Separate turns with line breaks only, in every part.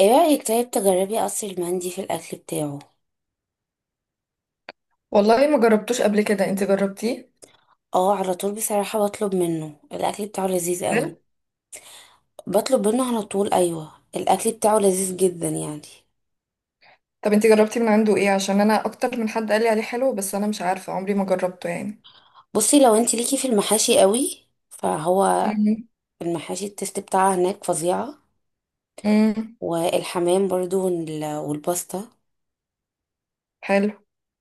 ايه رأيك طيب تجربي قصر المندي في الأكل بتاعه؟
والله ما جربتوش قبل كده، انت جربتيه؟
اه، على طول. بصراحة بطلب منه، الأكل بتاعه لذيذ قوي.
هل؟
بطلب منه على طول، أيوة، الأكل بتاعه لذيذ جدا يعني.
طب انت جربتي من عنده ايه، عشان انا اكتر من حد قال لي عليه حلو، بس انا مش عارفة، عمري ما جربته يعني.
بصي، لو انت ليكي في المحاشي قوي فهو
امم.
المحاشي، التست بتاعها هناك فظيعة.
امم.
والحمام برضو، والباستا.
حلو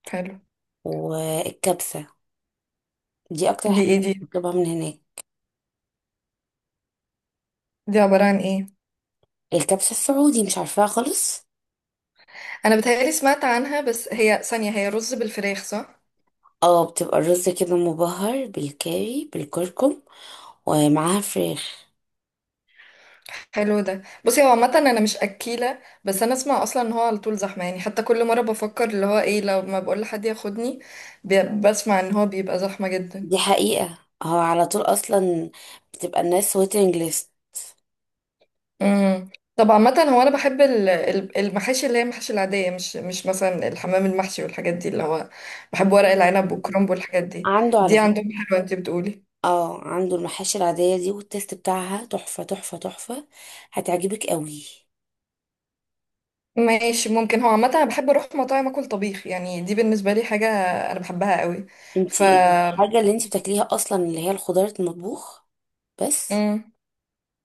حلو.
والكبسة دي أكتر
دي
حاجة
ايه دي؟
بطلبها من هناك.
دي عبارة عن ايه؟
الكبسة السعودي مش عارفاها خالص.
انا بتهيألي سمعت عنها، بس هي ثانية، هي رز بالفراخ صح؟
اه، بتبقى الرز كده مبهر بالكاري، بالكركم، ومعاها فراخ.
حلو ده. بصي هو عامة انا مش اكيلة، بس انا اسمع اصلا ان هو على طول زحمة يعني، حتى كل مرة بفكر اللي هو ايه لو ما بقول لحد ياخدني. بسمع ان هو بيبقى زحمة
دي
جدا.
حقيقة. هو على طول اصلا بتبقى الناس ويتنج ليست.
امم. طب عامة هو أنا بحب المحاشي، اللي هي المحاشي العادية، مش مثلا الحمام المحشي والحاجات دي، اللي هو بحب ورق العنب والكرنب والحاجات دي.
عنده على
دي
فكرة،
عندهم حلوة أنت بتقولي؟
اه عنده المحاشي العادية دي والتيست بتاعها تحفة تحفة تحفة. هتعجبك قوي.
ماشي ممكن. هو عامة أنا بحب أروح مطاعم أكل طبيخ، يعني دي بالنسبة لي حاجة أنا بحبها قوي. ف.
انتي الحاجة اللي انتي بتاكليها اصلا اللي هي الخضار المطبوخ بس.
امم.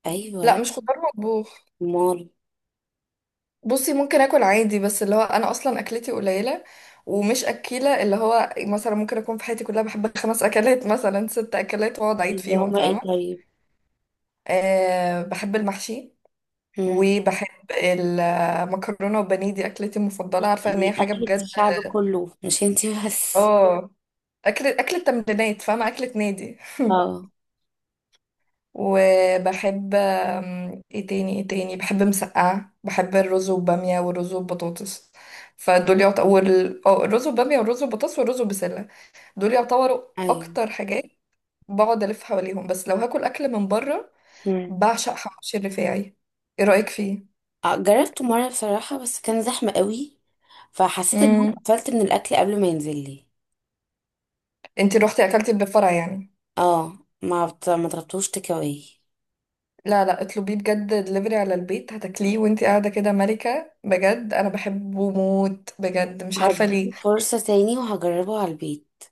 ايوه.
لا، مش خضار مطبوخ.
مال؟
بصي ممكن أكل عادي، بس اللي هو أنا أصلا أكلتي قليلة ومش أكيلة، اللي هو مثلا ممكن أكون في حياتي كلها بحب خمس أكلات مثلا، ست أكلات، وأقعد أعيد
اللي
فيهم،
هما ايه
فاهمة؟
طيب؟
أه، بحب المحشي،
مم.
وبحب المكرونة، وبانيه دي أكلتي المفضلة، عارفة إن هي
دي
حاجة
اكلة
بجد.
الشعب كله، مش انتي بس.
اه. أكل أكلة تمرينات، فاهمة، أكلة نادي.
اه.
وبحب ايه تاني ايه تاني، بحب مسقعة، بحب الرز وبامية، والرز وبطاطس. فدول يعتبروا. اه الرز وبامية والرز وبطاطس والرز وبسلة، دول يعتبروا
ايوه.
أكتر حاجات بقعد ألف حواليهم. بس لو هاكل أكل من بره، بعشق حواوشي الرفاعي. ايه رأيك
جربته مرة بصراحة، بس كان زحمة قوي. فحسيت ان انا
فيه؟
اتقفلت من الاكل قبل ما ينزل لي.
انتي روحتي اكلتي اللي بفرع يعني؟
اه، ما طلبتوش تيك اواي.
لا لا اطلبيه بجد دليفري على البيت، هتاكليه وانتي قاعده كده ملكه بجد، انا بحبه موت بجد مش عارفه
هديله
ليه.
فرصة تاني وهجربه على البيت،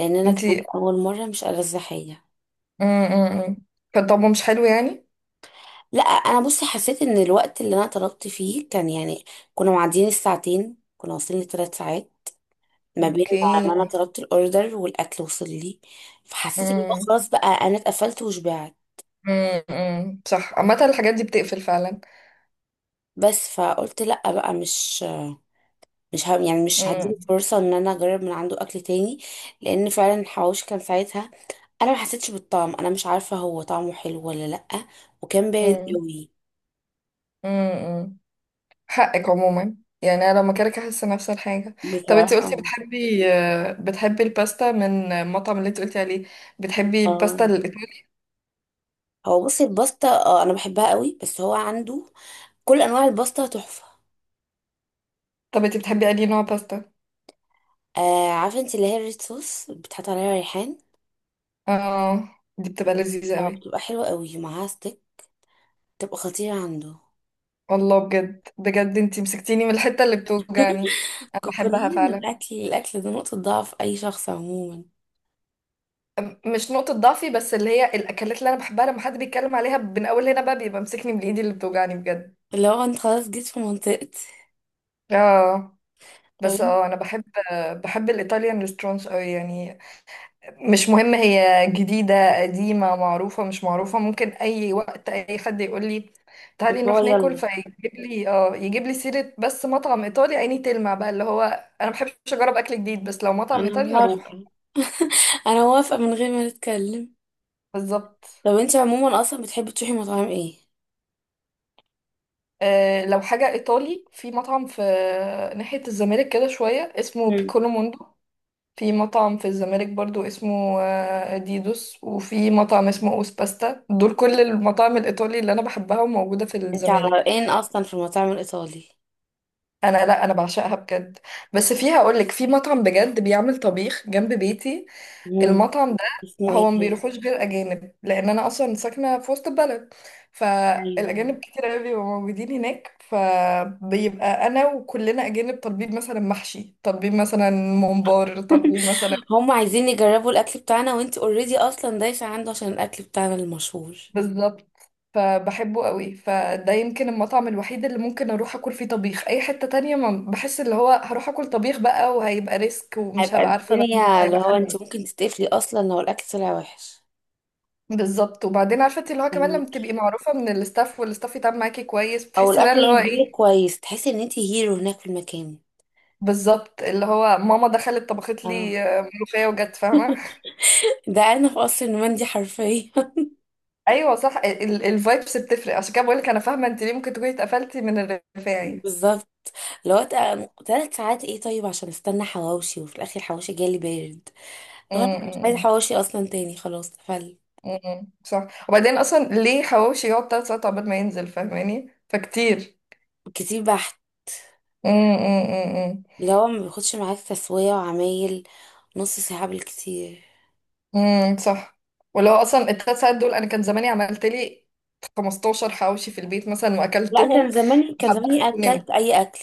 لان انا كان
انتي.
اول مرة مش ألذ حاجة.
امم. كان طعمه مش حلو يعني؟
لا، انا بصي حسيت ان الوقت اللي انا طلبت فيه كان يعني، كنا معديين الساعتين، كنا واصلين لثلاث ساعات ما بين ما
اوكي.
ما انا طلبت الاوردر والاكل وصل لي. فحسيت ان هو
امم.
خلاص بقى انا اتقفلت وشبعت.
صح، عامه الحاجات دي بتقفل فعلا.
بس فقلت لا بقى، مش يعني مش هديله فرصة ان انا اجرب من عنده اكل تاني. لان فعلا الحواوشي كان ساعتها انا ما حسيتش بالطعم، انا مش عارفة هو طعمه حلو ولا لأ، وكان بارد
امم.
قوي.
امم. حقك عموما، يعني انا لما كده احس نفس الحاجه. طب انتي
بصراحة.
قلتي بتحبي الباستا من المطعم اللي انتي قلتي عليه، بتحبي
اه،
الباستا الايطالي؟
هو بصي الباستا، اه انا بحبها قوي، بس هو عنده كل انواع الباستا تحفة.
طب انتي بتحبي انهي نوع باستا؟
آه، عارفة انت اللي هي الريد صوص بتحط عليها ريحان.
اه. دي بتبقى لذيذة
اه،
قوي.
بتبقى حلوة قوي ومعاها ستيك. بتبقى خطيرة عنده.
والله بجد بجد انتي مسكتيني من الحتة اللي بتوجعني. انا بحبها
كلنا
فعلا.
الاكل ده نقطة ضعف اي شخص عموما.
مش نقطة ضعفي، بس اللي هي الاكلات اللي انا بحبها لما حد بيتكلم عليها من اول هنا بقى، بيبقى مسكني من ايدي اللي بتوجعني بجد.
اللي هو انت خلاص جيت في منطقتي.
اه. بس اه انا بحب، بحب الايطاليان ريستورانتس قوي يعني. مش مهم هي جديدة، قديمة، معروفة، مش معروفة، ممكن أي وقت أي حد يقول لي تعالي
هو
نروح ناكل
يلا.
فيجيب لي، اه يجيب لي سيرة بس مطعم إيطالي عيني تلمع بقى، اللي هو أنا مبحبش أجرب أكل جديد، بس لو مطعم
انا
إيطالي هروح.
موافقة، انا موافقة من غير ما نتكلم.
بالظبط.
طب انت عموما اصلا بتحبي تروحي مطاعم ايه؟
لو حاجة إيطالي، في مطعم في ناحية الزمالك كده شوية اسمه
مم.
بيكولو موندو. في مطعم في الزمالك برضو اسمه ديدوس، وفي مطعم اسمه أوس باستا. دول كل المطاعم الإيطالي اللي أنا بحبها وموجودة في
انت على
الزمالك.
رأيين اصلا في المطاعم الايطالي.
انا لا، انا بعشقها بجد. بس فيها اقول لك، في مطعم بجد بيعمل طبيخ جنب بيتي.
مم.
المطعم ده
اسمه ايه
هو ما
طيب؟
بيروحوش غير اجانب، لان انا اصلا ساكنه في وسط البلد،
ايوه، أيوة.
فالاجانب كتير قوي بيبقوا موجودين هناك، فبيبقى انا وكلنا اجانب طالبين مثلا محشي، طالبين مثلا ممبار، طالبين مثلا.
هم عايزين يجربوا الاكل بتاعنا، وانت اوريدي اصلا دايسة عنده عشان الاكل بتاعنا المشهور.
بالظبط. فبحبه قوي، فده يمكن المطعم الوحيد اللي ممكن اروح اكل فيه طبيخ. اي حتة تانية ما بحس، اللي هو هروح اكل طبيخ بقى وهيبقى ريسك ومش
هيبقى
هبقى عارفة بقى إن هو
الدنيا اللي
هيبقى
هو
حلو.
انت ممكن تتقفلي اصلا لو الاكل طلع وحش.
بالظبط. وبعدين عارفه انت، اللي هو كمان لما تبقي
فهميكي.
معروفه من الاستاف، والاستاف يتعامل معاكي كويس،
او
بتحسي بقى
الاكل
اللي هو
ينزلك
ايه.
كويس، تحسي ان انت هيرو هناك في المكان.
بالظبط. اللي هو ماما دخلت طبخت
اه.
لي ملوخيه وجت، فاهمه.
ده انا في قصر النومندي حرفيا.
ايوه صح، الفايبس بتفرق، عشان كده بقول لك انا فاهمه انت ليه ممكن تكوني اتقفلتي من الرفاعي.
بالظبط. لو 3 ساعات ايه طيب عشان استنى حواوشي، وفي الاخر حواوشي جالي بارد. لو انا مش عايزه
امم.
حواوشي اصلا تاني، خلاص فل.
صح. وبعدين اصلا ليه حواوشي يقعد 3 ساعات عقبال ما ينزل، فاهماني؟ فكتير.
كتير بحت.
امم.
لو ما بياخدش معاك تسويه وعمايل نص ساعه بالكتير.
صح. ولو اصلا الـ3 ساعات دول انا كان زماني عملت لي 15 حواوشي في البيت مثلا
لا،
واكلتهم
كان زماني كان
وحبست
زماني
ونمت.
اكلت اي اكل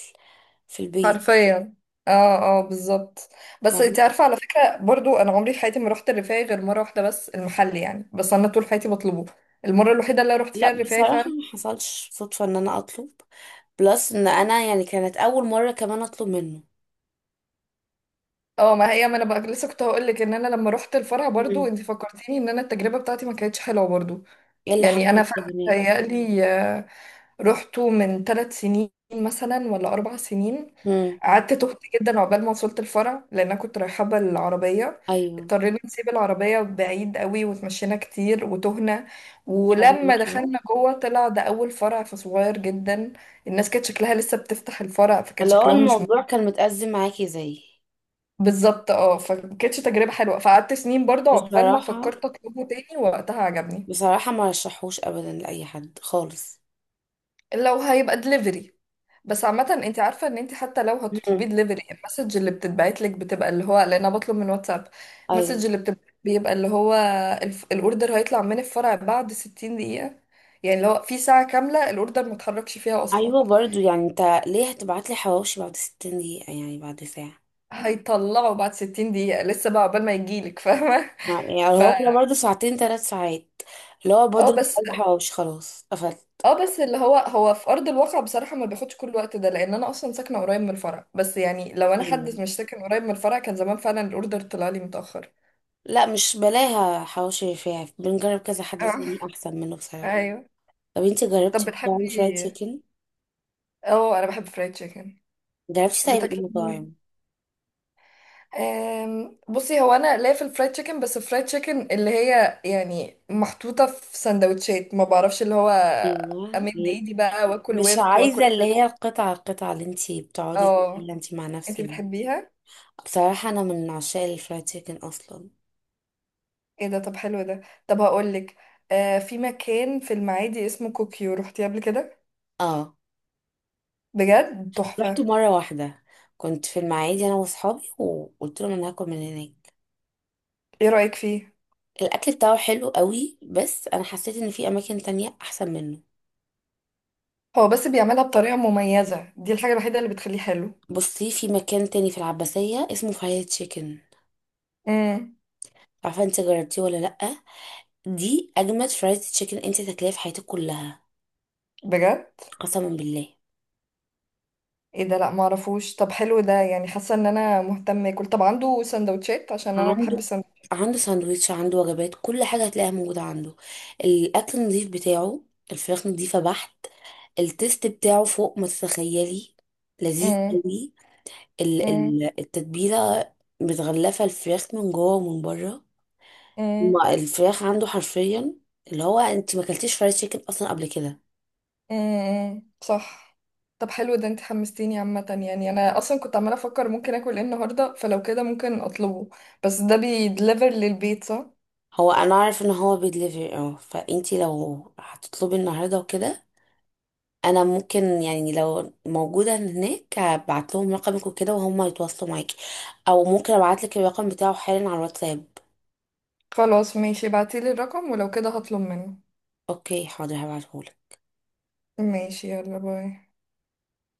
في البيت.
حرفيا. اه اه بالظبط. بس
فاهمة؟
انت عارفه، على فكره برضو انا عمري في حياتي ما رحت الرفاعي غير مره واحده بس المحل يعني، بس انا طول حياتي بطلبه. المره الوحيده اللي رحت فيها
لا،
الرفاعي
بصراحه
فعلا.
ما حصلش صدفه ان انا اطلب، بلس ان انا يعني كانت اول مره كمان اطلب منه.
اه، ما هي ما انا بقى لسه كنت هقول لك ان انا لما رحت الفرع برضو،
مم.
انت فكرتيني، ان انا التجربه بتاعتي ما كانتش حلوه برضو.
ايه اللي
يعني انا
حصل طب
فعلا
هناك؟
متهيألي رحته من 3 سنين مثلا، ولا 4 سنين.
مم.
قعدت تهت جدا عقبال ما وصلت الفرع، لأن أنا كنت رايحة بالعربية.
ايوه.
اضطرينا نسيب العربية بعيد قوي وتمشينا كتير وتهنا.
حد
ولما
معاكي بقى؟
دخلنا جوه طلع ده أول فرع، فصغير جدا. الناس كانت شكلها لسه بتفتح الفرع، فكان
اللي هو
شكلهم مش
الموضوع كان متأزم معاكي زيي.
بالظبط. اه، فكانتش تجربة حلوة، فقعدت سنين برضه عقبال ما
بصراحة
فكرت أطلبه تاني، ووقتها عجبني.
بصراحة ما رشحوش ابدا لاي حد خالص.
لو هيبقى دليفري، بس عامة انت عارفة ان انت حتى لو هتطلبي
مم.
دليفري، المسج اللي بتتبعت لك بتبقى اللي هو، لان انا بطلب من واتساب، المسج
ايوه.
اللي بتبقى بيبقى اللي هو الاوردر هيطلع من الفرع بعد 60 دقيقة، يعني لو في ساعة كاملة الاوردر ما اتحركش فيها اصلا.
ايوه، برضو يعني انت ليه هتبعت لي حواوشي بعد 60 دقيقة، يعني بعد ساعة؟
هيطلعه بعد 60 دقيقة، لسه بقى عقبال ما يجيلك، فاهمة.
يعني
ف.
هو كده برضو، ساعتين 3 ساعات. اللي هو
اه
بودر
بس،
عايزة حواوشي، خلاص قفلت.
اللي هو هو في ارض الواقع بصراحة ما بياخدش كل الوقت ده، لان انا اصلا ساكنة قريب من الفرع، بس يعني لو انا
ايوه.
حد مش ساكن قريب من الفرع كان زمان فعلا الاوردر طلع لي متأخر.
لا، مش بلاها حواوشي رفاعي، بنجرب كذا حد تاني
اه.
احسن منه بصراحة.
ايوه.
طب انت
طب
جربتي مطاعم فرايد
بتحبي؟
تشيكن؟
اه انا بحب فرايد تشيكن.
جربتي طيب ايه
بتاكلي منين؟
مطاعم؟
بصي هو انا ليا في الفرايد تشيكن، بس الفرايد تشيكن اللي هي يعني محطوطه في سندوتشات، ما بعرفش اللي هو
ايوه.
امد ايدي بقى واكل
مش
ورك
عايزة
واكل
اللي
ست.
هي القطعة القطعة اللي انت بتقعدي
اه.
تاكليها انت مع
انتي
نفسك.
بتحبيها؟
بصراحة أنا من عشاق الفرايد تشيكن أصلا.
ايه ده؟ طب حلو ده. طب هقولك، في مكان في المعادي اسمه كوكيو، روحتي قبل كده؟
اه،
بجد
رحت
تحفه.
مرة واحدة، كنت في المعادي أنا وأصحابي وقلت لهم أنا هاكل من هناك.
ايه رايك فيه؟
الأكل بتاعه حلو قوي، بس أنا حسيت إن في أماكن تانية أحسن منه.
هو بس بيعملها بطريقه مميزه، دي الحاجه الوحيده اللي بتخليه حلو.
بصي، في مكان تاني في العباسية اسمه فرايد تشيكن.
امم.
عارفة انت جربتيه ولا لأ؟ دي أجمد فرايد تشيكن انت تاكليها في حياتك كلها.
بجد؟
قسما بالله.
ايه ده، لا معرفوش. طب حلو ده، يعني حاسه ان انا مهتمه اكل. طب عنده سندوتشات؟ عشان انا بحب
عنده
السندوتشات.
عنده ساندويتش، عنده وجبات، كل حاجة هتلاقيها موجودة عنده. الأكل نظيف بتاعه. الفراخ نظيفة بحت. التيست بتاعه فوق ما تتخيلي. لذيذ
امم.
قوي.
امم.
التتبيله متغلفه الفراخ من جوه ومن بره.
امم.
ما الفراخ عنده حرفيا اللي هو، انت ما اكلتيش فرايد تشيكن اصلا قبل كده؟
صح. طب حلو ده، انت حمستيني عامه، يعني انا اصلا كنت عماله افكر ممكن اكل ايه النهارده، فلو كده ممكن اطلبه. بس ده بيدليفر للبيت صح؟
هو انا عارف ان هو بيدليفري، اه، فانت لو هتطلبي النهارده وكده، انا ممكن يعني لو موجوده هناك ابعت لهم رقمك وكده وهم يتواصلوا معاكي، او ممكن ابعت لك الرقم بتاعه حالا على الواتساب.
خلاص ماشي، ابعتيلي الرقم ولو كده هطلب منه.
اوكي حاضر هبعتهولك.
ماشي، يلا باي.